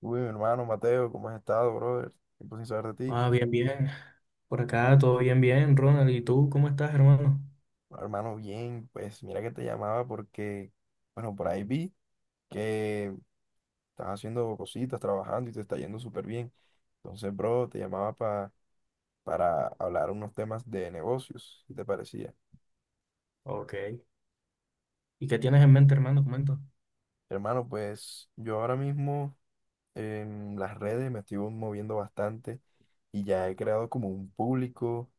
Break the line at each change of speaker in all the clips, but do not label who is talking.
Uy, mi hermano Mateo, ¿cómo has estado, brother? Tiempo sin saber de ti.
Ah, bien, bien. Por acá todo bien, bien, Ronald. ¿Y tú cómo estás, hermano?
Bueno, hermano, bien, pues mira que te llamaba porque, bueno, por ahí vi que estás haciendo cositas, trabajando y te está yendo súper bien. Entonces, bro, te llamaba para hablar unos temas de negocios, si te parecía.
Ok. ¿Y qué tienes en mente, hermano? Comenta.
Hermano, pues yo ahora mismo en las redes me estoy moviendo bastante y ya he creado como un público,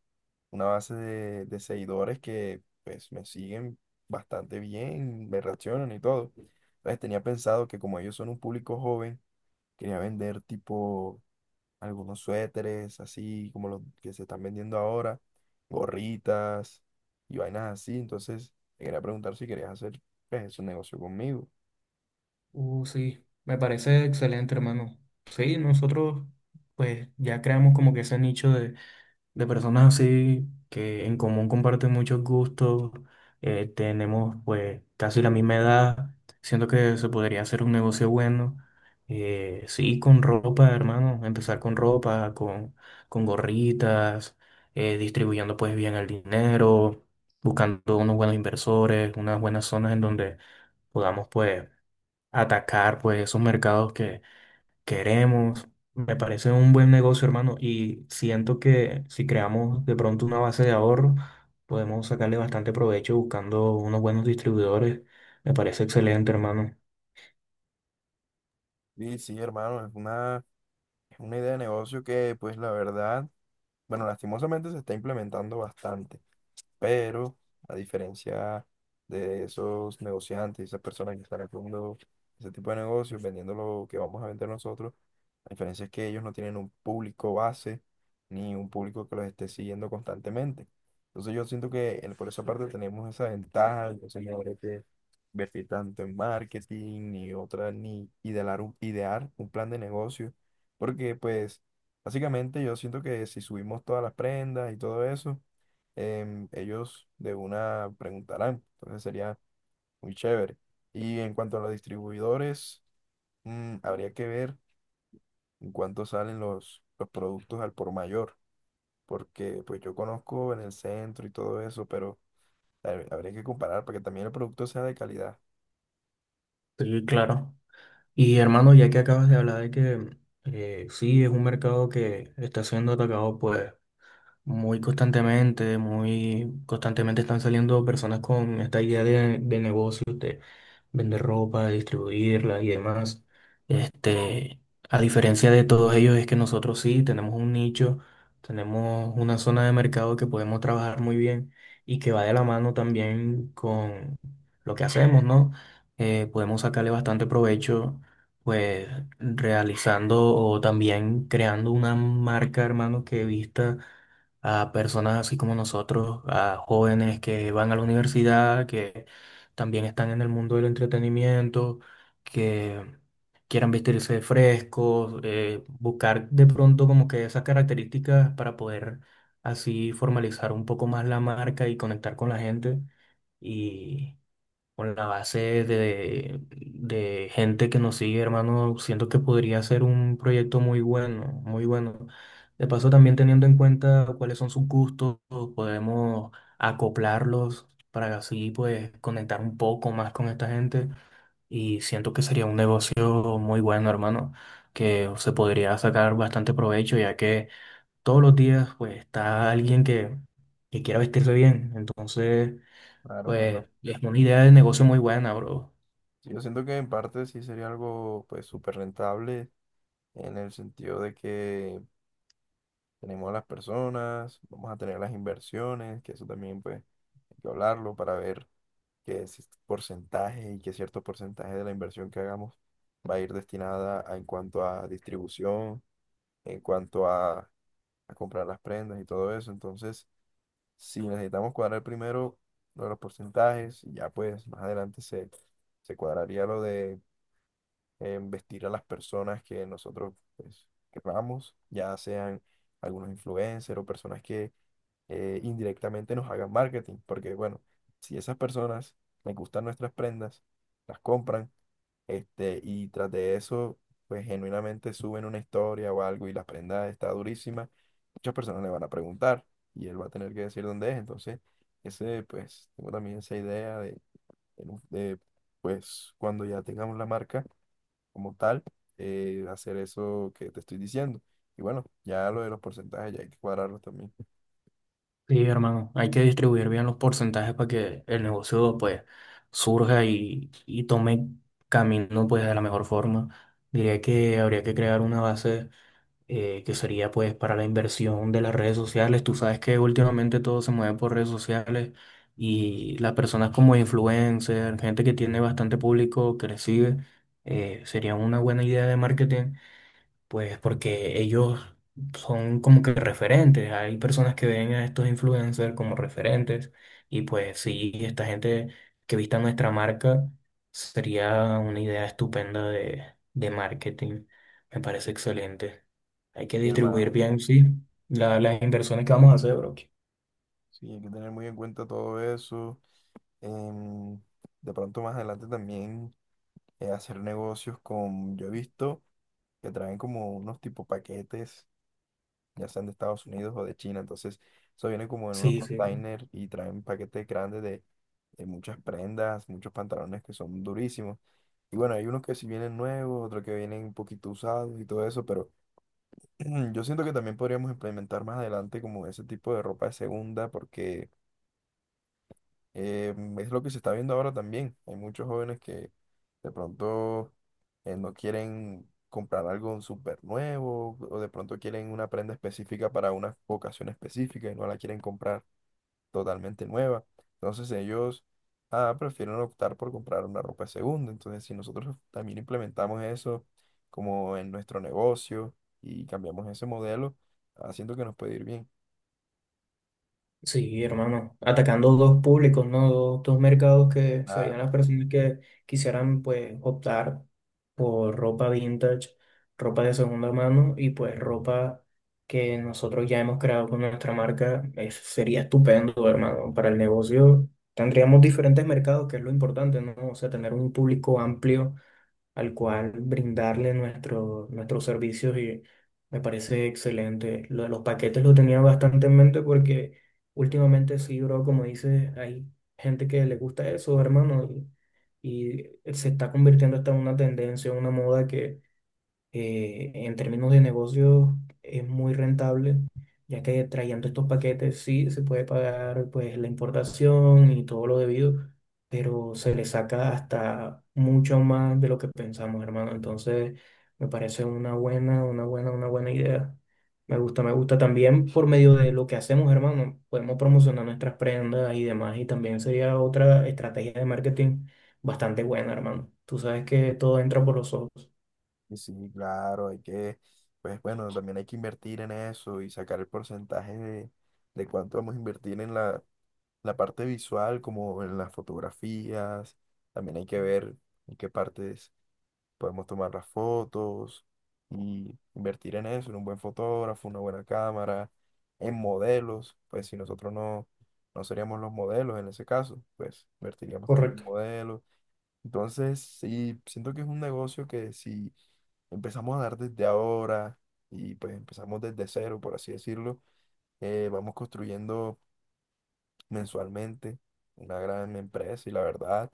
una base de seguidores que pues me siguen bastante bien, me reaccionan y todo. Entonces tenía pensado que como ellos son un público joven, quería vender tipo algunos suéteres, así como los que se están vendiendo ahora, gorritas y vainas así. Entonces te quería preguntar si querías hacer, pues, ese negocio conmigo.
Sí, me parece excelente, hermano. Sí, nosotros pues ya creamos como que ese nicho de personas así que en común comparten muchos gustos. Tenemos pues casi la misma edad, siento que se podría hacer un negocio bueno. Sí, con ropa, hermano, empezar con ropa, con gorritas, distribuyendo pues bien el dinero, buscando unos buenos inversores, unas buenas zonas en donde podamos pues atacar pues esos mercados que queremos. Me parece un buen negocio, hermano, y siento que si creamos de pronto una base de ahorro, podemos sacarle bastante provecho buscando unos buenos distribuidores. Me parece excelente, hermano.
Sí, sí, hermano, es una idea de negocio que, pues la verdad, bueno, lastimosamente se está implementando bastante. Pero a diferencia de esos negociantes, esas personas que están haciendo ese tipo de negocios, vendiendo lo que vamos a vender nosotros, la diferencia es que ellos no tienen un público base ni un público que los esté siguiendo constantemente. Entonces yo siento que por esa parte tenemos esa ventaja, entonces no habría que invertir tanto en marketing ni otra, ni idear un plan de negocio, porque pues básicamente yo siento que si subimos todas las prendas y todo eso, ellos de una preguntarán. Entonces sería muy chévere. Y en cuanto a los distribuidores, habría que ver en cuánto salen los productos al por mayor, porque pues yo conozco en el centro y todo eso, pero habría que comparar para que también el producto sea de calidad.
Sí, claro. Y hermano, ya que acabas de hablar de que sí es un mercado que está siendo atacado, pues muy constantemente están saliendo personas con esta idea de negocios, de vender ropa, distribuirla y demás. Este, a diferencia de todos ellos, es que nosotros sí tenemos un nicho, tenemos una zona de mercado que podemos trabajar muy bien y que va de la mano también con lo que hacemos, ¿no? Podemos sacarle bastante provecho, pues realizando o también creando una marca, hermano, que vista a personas así como nosotros, a jóvenes que van a la universidad, que también están en el mundo del entretenimiento, que quieran vestirse frescos, buscar de pronto como que esas características para poder así formalizar un poco más la marca y conectar con la gente. Con la base de gente que nos sigue, hermano, siento que podría ser un proyecto muy bueno, muy bueno. De paso, también teniendo en cuenta cuáles son sus gustos, podemos acoplarlos para así, pues, conectar un poco más con esta gente. Y siento que sería un negocio muy bueno, hermano, que se podría sacar bastante provecho, ya que todos los días, pues, está alguien que quiera vestirse bien. Entonces
Claro,
pues
claro.
es una idea de negocio muy buena, bro.
Sí, yo siento que en parte sí sería algo pues súper rentable, en el sentido de que tenemos a las personas, vamos a tener las inversiones, que eso también pues hay que hablarlo para ver que es porcentaje y que cierto porcentaje de la inversión que hagamos va a ir destinada en cuanto a distribución, en cuanto a, a comprar las prendas y todo eso. Entonces, si necesitamos cuadrar primero lo de los porcentajes, y ya pues más adelante se cuadraría lo de, vestir a las personas que nosotros, pues, querramos, ya sean algunos influencers o personas, indirectamente nos hagan marketing, porque bueno, si esas personas les gustan nuestras prendas, las compran, este, y tras de eso, pues genuinamente suben una historia o algo y la prenda está durísima, muchas personas le van a preguntar y él va a tener que decir dónde es, entonces, ese, pues, tengo también esa idea de, en un- de, pues, cuando ya tengamos la marca como tal, hacer eso que te estoy diciendo. Y bueno, ya lo de los porcentajes ya hay que cuadrarlos también.
Sí, hermano, hay que distribuir bien los porcentajes para que el negocio pues surja y tome camino pues de la mejor forma. Diría que habría que crear una base, que sería pues para la inversión de las redes sociales. Tú sabes que últimamente todo se mueve por redes sociales y las personas como influencers, gente que tiene bastante público que les sigue, sería una buena idea de marketing, pues porque ellos son como que referentes. Hay personas que ven a estos influencers como referentes. Y pues sí, esta gente que vista nuestra marca sería una idea estupenda de marketing. Me parece excelente. Hay que distribuir bien, sí, las inversiones que vamos a hacer, bro.
Sí, hay que tener muy en cuenta todo eso. Em, de pronto más adelante también, hacer negocios con, yo he visto que traen como unos tipo paquetes, ya sean de Estados Unidos o de China. Entonces, eso viene como en unos
Sí, sí.
containers y traen paquetes grandes de muchas prendas, muchos pantalones que son durísimos. Y bueno, hay unos que sí vienen nuevos, otros que vienen un poquito usados y todo eso, pero yo siento que también podríamos implementar más adelante como ese tipo de ropa de segunda porque... es lo que se está viendo ahora también. Hay muchos jóvenes que de pronto, no quieren comprar algo súper nuevo o de pronto quieren una prenda específica para una ocasión específica y no la quieren comprar totalmente nueva. Entonces ellos, ah, prefieren optar por comprar una ropa de segunda. Entonces si nosotros también implementamos eso como en nuestro negocio y cambiamos ese modelo, haciendo que nos puede ir bien.
Sí, hermano, atacando dos públicos, ¿no? Dos mercados que
Ah,
serían las personas que quisieran, pues, optar por ropa vintage, ropa de segunda mano y, pues, ropa que nosotros ya hemos creado con nuestra marca. Eso sería estupendo, hermano. Para el negocio tendríamos diferentes mercados, que es lo importante, ¿no? O sea, tener un público amplio al cual brindarle nuestros servicios y me parece excelente. Lo de los paquetes lo tenía bastante en mente porque últimamente sí, bro, como dices, hay gente que le gusta eso, hermano, y se está convirtiendo hasta en una tendencia, una moda que en términos de negocio es muy rentable, ya que trayendo estos paquetes sí se puede pagar pues la importación y todo lo debido, pero se le saca hasta mucho más de lo que pensamos, hermano. Entonces, me parece una buena, una buena, una buena idea. Me gusta también por medio de lo que hacemos, hermano. Podemos promocionar nuestras prendas y demás, y también sería otra estrategia de marketing bastante buena, hermano. Tú sabes que todo entra por los ojos.
y sí, claro, hay que, pues bueno, también hay que invertir en eso y sacar el porcentaje de cuánto vamos a invertir en la parte visual, como en las fotografías. También hay que ver en qué partes podemos tomar las fotos y invertir en eso, en un buen fotógrafo, una buena cámara, en modelos. Pues si nosotros no, no seríamos los modelos en ese caso, pues invertiríamos también en
Correcto.
modelos entonces, sí, siento que es un negocio que si empezamos a dar desde ahora y pues empezamos desde cero, por así decirlo, vamos construyendo mensualmente una gran empresa y la verdad,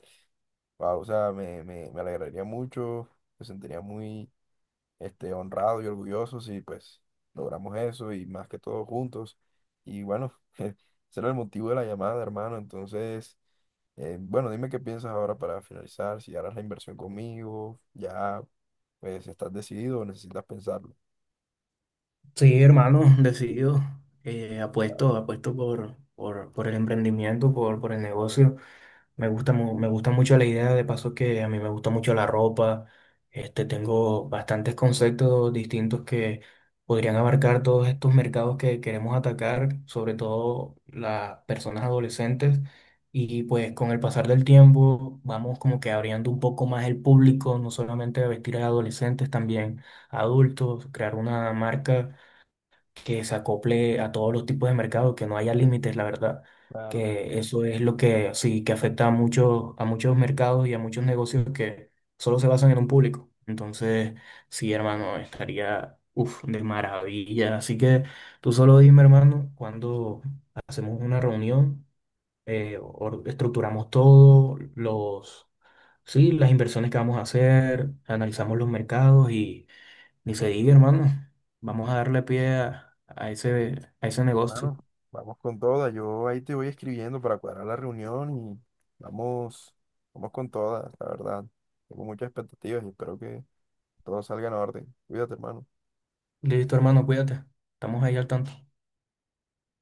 wao, o sea, me alegraría mucho, me sentiría muy, este, honrado y orgulloso si pues logramos eso y más que todo juntos. Y bueno, ese era el motivo de la llamada, hermano, entonces... bueno, dime qué piensas ahora para finalizar, si harás la inversión conmigo, ya pues estás decidido o necesitas pensarlo.
Sí, hermano, decidido.
Vale,
Apuesto, apuesto por el emprendimiento, por el negocio. Me gusta, me gusta mucho la idea, de paso que a mí me gusta mucho la ropa. Este, tengo bastantes conceptos distintos que podrían abarcar todos estos mercados que queremos atacar, sobre todo las personas adolescentes. Y pues con el pasar del tiempo vamos como que abriendo un poco más el público, no solamente a vestir a adolescentes, también a adultos, crear una marca que se acople a todos los tipos de mercado, que no haya límites, la verdad.
claro,
Que eso es lo que sí, que afecta a muchos mercados y a muchos negocios que solo se basan en un público. Entonces, sí, hermano, estaría, uf, de maravilla. Así que tú solo dime, hermano, cuando hacemos una reunión, estructuramos todo, los, sí, las inversiones que vamos a hacer, analizamos los mercados, ni se diga, hermano. Vamos a darle pie a ese negocio.
hermano. Vamos con toda, yo ahí te voy escribiendo para cuadrar la reunión y vamos, vamos con toda, la verdad. Tengo muchas expectativas y espero que todo salga en orden. Cuídate, hermano.
Listo, hermano, cuídate. Estamos ahí al tanto.